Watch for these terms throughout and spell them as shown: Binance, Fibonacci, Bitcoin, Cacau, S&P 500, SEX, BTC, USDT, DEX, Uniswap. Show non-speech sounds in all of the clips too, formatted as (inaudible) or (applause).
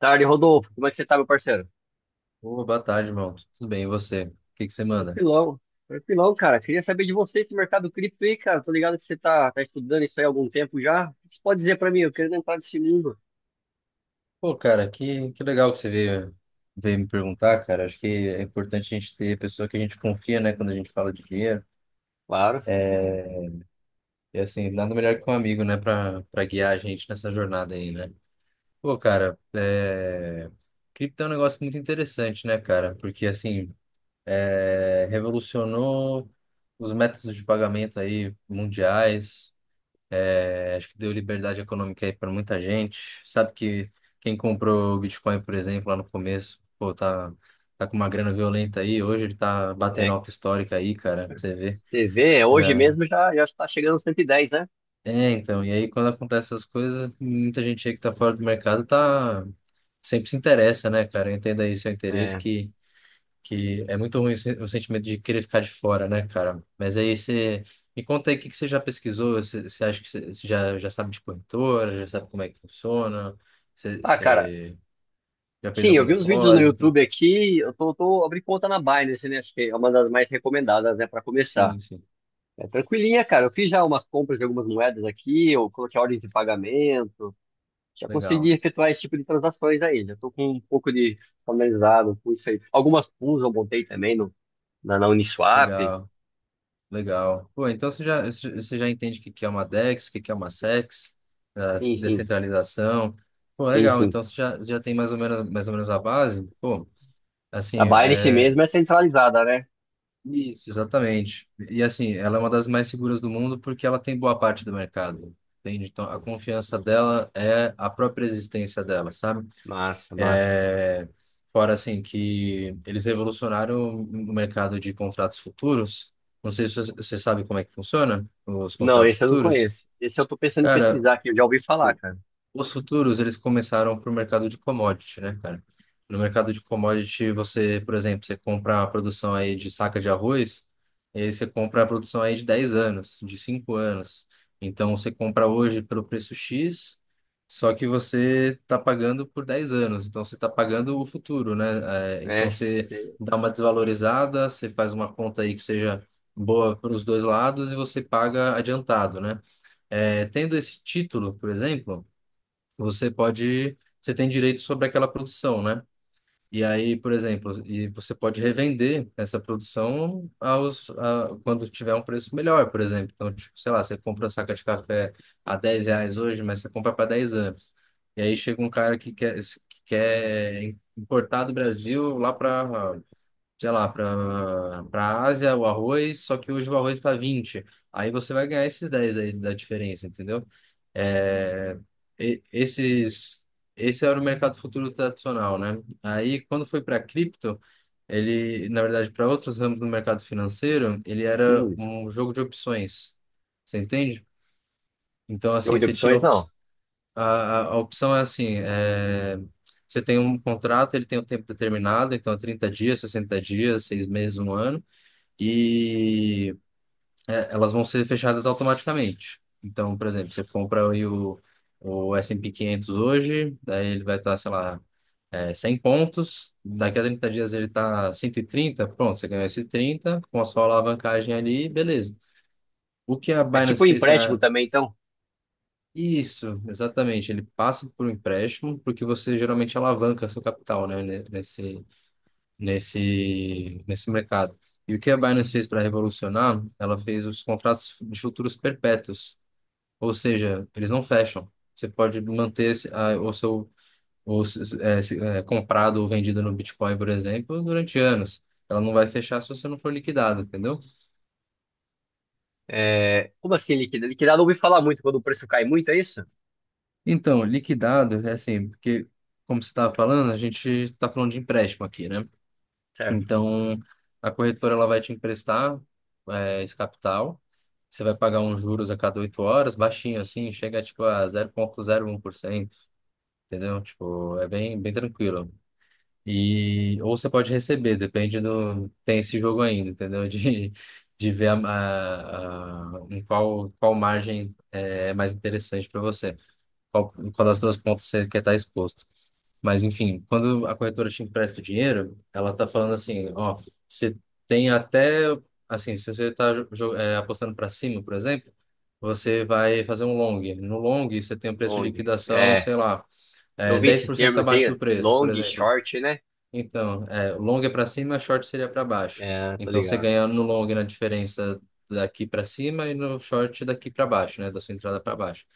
Tarde, Rodolfo. Como é que você tá, meu parceiro? Ô, boa tarde, irmão. Tudo bem, e você? O que que você manda? Tranquilão. Tranquilão, cara. Queria saber de você esse mercado cripto aí, cara. Tô ligado que você tá estudando isso aí há algum tempo já. O que você pode dizer pra mim? Eu quero entrar nesse mundo. Pô, cara, que legal que você veio me perguntar, cara. Acho que é importante a gente ter pessoa que a gente confia, né, quando a gente fala de dinheiro. Claro. É, e assim, nada melhor que um amigo, né, pra guiar a gente nessa jornada aí, né? Pô, cara, cripto é um negócio muito interessante, né, cara? Porque, assim, revolucionou os métodos de pagamento aí mundiais. Acho que deu liberdade econômica aí para muita gente. Sabe que quem comprou o Bitcoin, por exemplo, lá no começo, pô, tá com uma grana violenta aí. Hoje ele tá batendo É. alta histórica aí, cara, pra você ver. Você vê, hoje Já. mesmo já está chegando aos 110, né? É, então. E aí, quando acontecem essas coisas, muita gente aí que tá fora do mercado tá. Sempre se interessa, né, cara? Entenda aí seu interesse É. que é muito ruim o sentimento de querer ficar de fora, né, cara? Mas aí você me conta aí o que que você já pesquisou, você acha que você já sabe de corretora, já sabe como é que funciona, você, Ah, cara. você já fez Sim, algum eu vi uns vídeos no depósito? YouTube aqui. Eu tô abrindo conta na Binance, né? Acho que é uma das mais recomendadas, né, pra começar. Sim, sim, É tranquilinha, cara. Eu fiz já umas compras de algumas moedas aqui. Eu coloquei ordens de pagamento. Já consegui legal, efetuar esse tipo de transações aí. Já estou com um pouco de familiarizado com isso aí. Algumas pools eu montei também no, na, na Uniswap. legal, legal. Pô, então você já entende o que que é uma DEX, o que que é uma SEX, a Sim, sim, descentralização. Pô, sim, legal, sim. então você já tem mais ou menos a base, pô. A Assim, Binance mesmo é centralizada, né? isso, exatamente. E assim, ela é uma das mais seguras do mundo porque ela tem boa parte do mercado. Entende? Então, a confiança dela é a própria existência dela, sabe? Massa, massa. é Fora assim que eles revolucionaram o mercado de contratos futuros. Não sei se você sabe como é que funciona os Não, contratos esse eu não futuros. conheço. Esse eu tô pensando em Cara, pesquisar aqui, eu já ouvi falar, cara. os futuros, eles começaram para o mercado de commodity, né, cara? No mercado de commodity, você, por exemplo, você compra a produção aí de saca de arroz, e aí você compra a produção aí de 10 anos, de 5 anos. Então, você compra hoje pelo preço X, só que você está pagando por 10 anos. Então, você está pagando o futuro, né? É, É, então, você se- dá uma desvalorizada, você faz uma conta aí que seja boa para os dois lados e você paga adiantado, né? Tendo esse título, por exemplo, você pode, você tem direito sobre aquela produção, né? E aí, por exemplo, e você pode revender essa produção quando tiver um preço melhor, por exemplo. Então, tipo, sei lá, você compra a saca de café a R$ 10 hoje, mas você compra para 10 anos. E aí chega um cara que quer importar do Brasil lá para sei lá, para Ásia, o arroz, só que hoje o arroz está 20. Aí você vai ganhar esses 10 aí da diferença, entendeu? É, e- esses, Esse era o mercado futuro tradicional, né? Aí quando foi para cripto, ele, na verdade, para outros ramos do mercado financeiro, ele era hum, um jogo de opções. Você entende? Então, jogo assim, de você tinha opções, não. a opção é assim, você tem um contrato, ele tem um tempo determinado, então é 30 dias, 60 dias, 6 meses, um ano, e elas vão ser fechadas automaticamente. Então, por exemplo, você compra aí o S&P 500 hoje, daí ele vai estar, sei lá, 100 pontos, daqui a 30 dias ele está 130, pronto, você ganhou esse 30 com a sua alavancagem ali, beleza. O que a É tipo Binance um fez empréstimo para. também, então. Isso, exatamente. Ele passa por um empréstimo, porque você geralmente alavanca seu capital, né, nesse mercado. E o que a Binance fez para revolucionar, ela fez os contratos de futuros perpétuos, ou seja, eles não fecham. Você pode manter o seu o, se- é, se- é, comprado ou vendido no Bitcoin, por exemplo, durante anos. Ela não vai fechar se você não for liquidado, entendeu? É, como assim liquidar? Liquidar eu não ouvi falar muito quando o preço cai muito, é isso? Então, liquidado é assim, porque, como você estava falando, a gente está falando de empréstimo aqui, né? Certo. Então, a corretora ela vai te emprestar esse capital. Você vai pagar uns juros a cada 8 horas, baixinho assim, chega tipo a 0,01%, entendeu? Tipo, é bem, bem tranquilo. E, ou você pode receber, depende do. Tem esse jogo ainda, entendeu? (laughs) De ver em qual margem é mais interessante para você, qual das duas pontas você quer estar exposto. Mas, enfim, quando a corretora te empresta o dinheiro, ela tá falando assim, ó, você tem até, assim, se você tá apostando para cima, por exemplo, você vai fazer um long. No long, você tem um preço de Long. liquidação, É, sei lá, eu vi dez esse por termo cento assim, abaixo do preço, por long, exemplo. short, né? Então, long é para cima, short seria para baixo. É, tô Então, você ligado. ganha no long na diferença daqui para cima e no short daqui para baixo, né? Da sua entrada para baixo.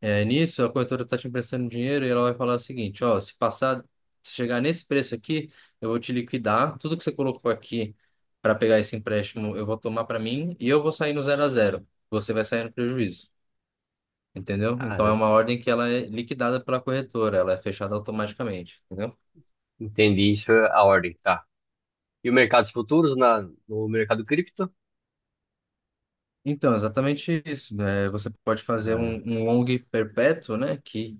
É, nisso, a corretora está te emprestando dinheiro e ela vai falar o seguinte: ó, se chegar nesse preço aqui, eu vou te liquidar. Tudo que você colocou aqui para pegar esse empréstimo, eu vou tomar para mim e eu vou sair no 0-0. Você vai sair no prejuízo, entendeu? Então, é Cara, uma ordem que ela é liquidada pela corretora, ela é fechada automaticamente, entendeu? entendi isso, é a ordem, tá. E o mercado de futuros no mercado cripto? Então, exatamente isso, né? Você pode fazer Ah, um, long perpétuo, né? Que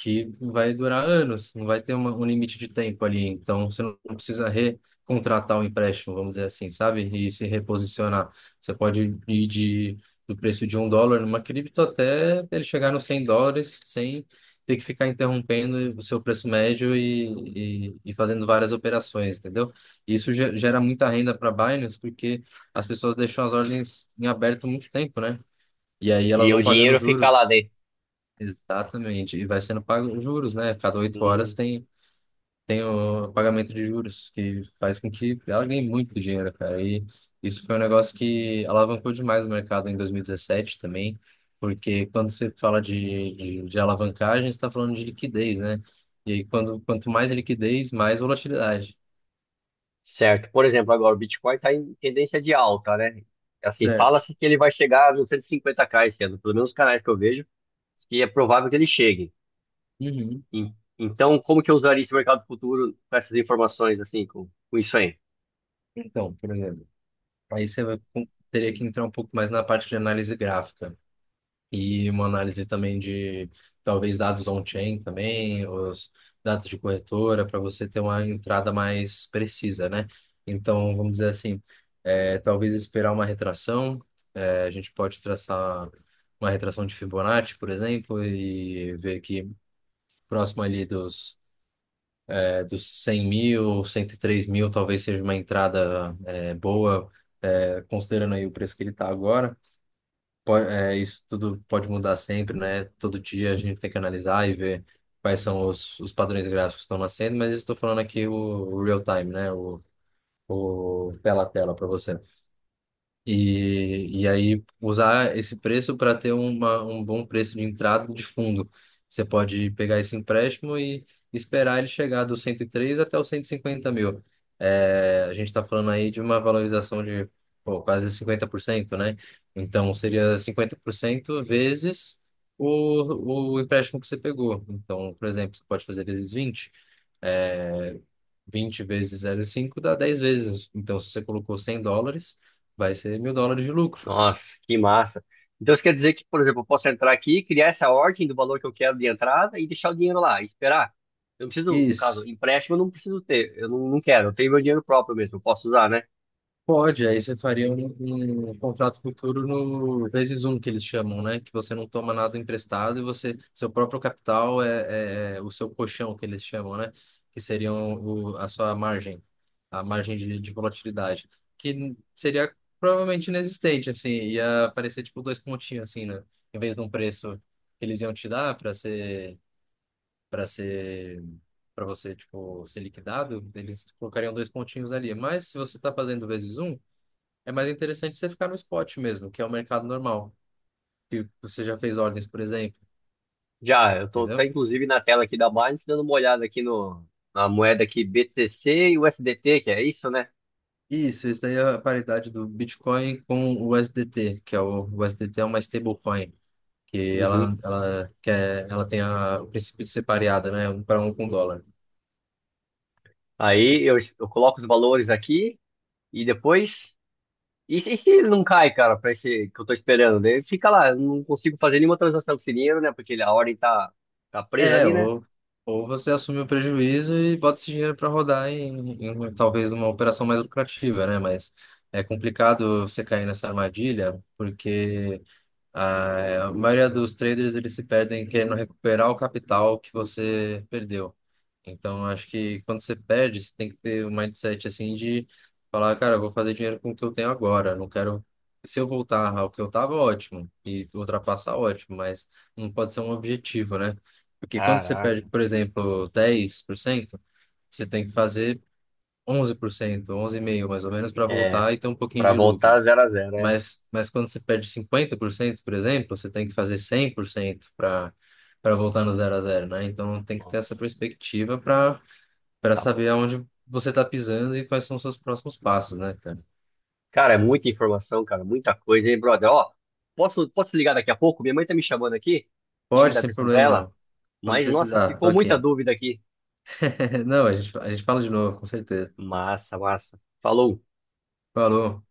que vai durar anos, não vai ter um limite de tempo ali. Então, você não precisa recontratar o empréstimo, vamos dizer assim, sabe? E se reposicionar. Você pode ir do preço de US$ 1 numa cripto até ele chegar nos US$ 100 sem ter que ficar interrompendo o seu preço médio e fazendo várias operações, entendeu? E isso gera muita renda para Binance porque as pessoas deixam as ordens em aberto muito tempo, né? E aí elas e o vão pagando dinheiro fica lá juros. dentro. Exatamente. E vai sendo pago os juros, né? Cada oito horas Hum, tem o pagamento de juros, que faz com que ela ganhe muito dinheiro, cara. E isso foi um negócio que alavancou demais o mercado em 2017 também, porque quando você fala de alavancagem, você está falando de liquidez, né? E aí, quanto mais liquidez, mais volatilidade. certo. Por exemplo, agora o Bitcoin está em tendência de alta, né? Assim, Certo. fala-se que ele vai chegar nos 150k esse ano, pelo menos os canais que eu vejo, que é provável que ele chegue. Uhum. E- Então, como que eu usaria esse mercado futuro com essas informações, assim, com isso aí? Então, por exemplo, aí você teria que entrar um pouco mais na parte de análise gráfica. E uma análise também de talvez dados on-chain também, os dados de corretora, para você ter uma entrada mais precisa, né? Então, vamos dizer assim, talvez esperar uma retração, a gente pode traçar uma retração de Fibonacci, por exemplo, e ver que próximo ali dos 100 mil, 103 mil, talvez seja uma entrada, boa, considerando aí o preço que ele está agora isso tudo pode mudar sempre, né? Todo dia a gente tem que analisar e ver quais são os padrões gráficos que estão nascendo, mas estou falando aqui o real time, né? O tela a tela para você. E aí usar esse preço para ter um bom preço de entrada de fundo. Você pode pegar esse empréstimo e esperar ele chegar dos 103 até os 150 mil. É, a gente está falando aí de uma valorização de pô, quase 50%, né? Então seria 50% vezes o empréstimo que você pegou. Então, por exemplo, você pode fazer vezes 20 é, 20 vezes 0,5 dá 10 vezes. Então, se você colocou US$ 100, vai ser US$ 1.000 de lucro. Nossa, que massa. Então isso quer dizer que, por exemplo, eu posso entrar aqui, criar essa ordem do valor que eu quero de entrada e deixar o dinheiro lá, e esperar. Eu não preciso, no caso, Isso. empréstimo eu não preciso ter, eu não quero, eu tenho meu dinheiro próprio mesmo, eu posso usar, né? Pode, aí você faria um, contrato futuro no vezes um que eles chamam, né? Que você não toma nada emprestado e você, seu próprio capital é, é o seu colchão que eles chamam, né? Que seriam a sua margem, a margem de volatilidade, que seria provavelmente inexistente, assim, ia aparecer tipo dois pontinhos, assim, né? Em vez de um preço que eles iam te dar para ser para você tipo ser liquidado, eles colocariam dois pontinhos ali. Mas se você está fazendo vezes um, é mais interessante você ficar no spot mesmo, que é o mercado normal, que você já fez ordens, por exemplo, Já, tá entendeu? inclusive na tela aqui da Binance dando uma olhada aqui no, na moeda aqui BTC e USDT, que é isso, né? Isso daí é a paridade do Bitcoin com o USDT, que é o USDT é uma stablecoin, que ela Uhum. ela quer, ela tem o princípio de ser pareada, né, um para um com o dólar. Aí eu coloco os valores aqui e depois. E se ele não cai, cara, pra esse que eu tô esperando? Daí fica lá, eu não consigo fazer nenhuma transação com esse dinheiro, né? Porque ele a ordem tá presa É, ali, né? ou, ou você assume o prejuízo e bota esse dinheiro para rodar em talvez uma operação mais lucrativa, né? Mas é complicado você cair nessa armadilha, porque. Ah, a maioria dos traders eles se perdem querendo recuperar o capital que você perdeu. Então, acho que quando você perde, você tem que ter um mindset assim de falar, cara, eu vou fazer dinheiro com o que eu tenho agora. Não quero. Se eu voltar ao que eu tava, ótimo. E ultrapassar, ótimo. Mas não pode ser um objetivo, né? Porque quando você perde, Caraca. por exemplo, 10% você tem que fazer 11%, 11,5% mais ou menos, para É, voltar e ter um pouquinho pra de lucro. voltar zero a zero, né? Mas quando você perde 50% por exemplo, você tem que fazer 100% para voltar no 0-0, né? Então tem que ter essa Nossa. perspectiva para Rap- saber aonde você está pisando e quais são os seus próximos passos, né, cara? Cara, é muita informação, cara, muita coisa, hein, brother? Ó, posso te ligar daqui a pouco? Minha mãe tá me chamando aqui, tem que Pode, dar sem atenção pra problema, ela. irmão. Quando Mas, nossa, precisar, tô ficou muita aqui. dúvida aqui. (laughs) Não, a gente fala de novo, com certeza. Massa, massa. Falou. Falou.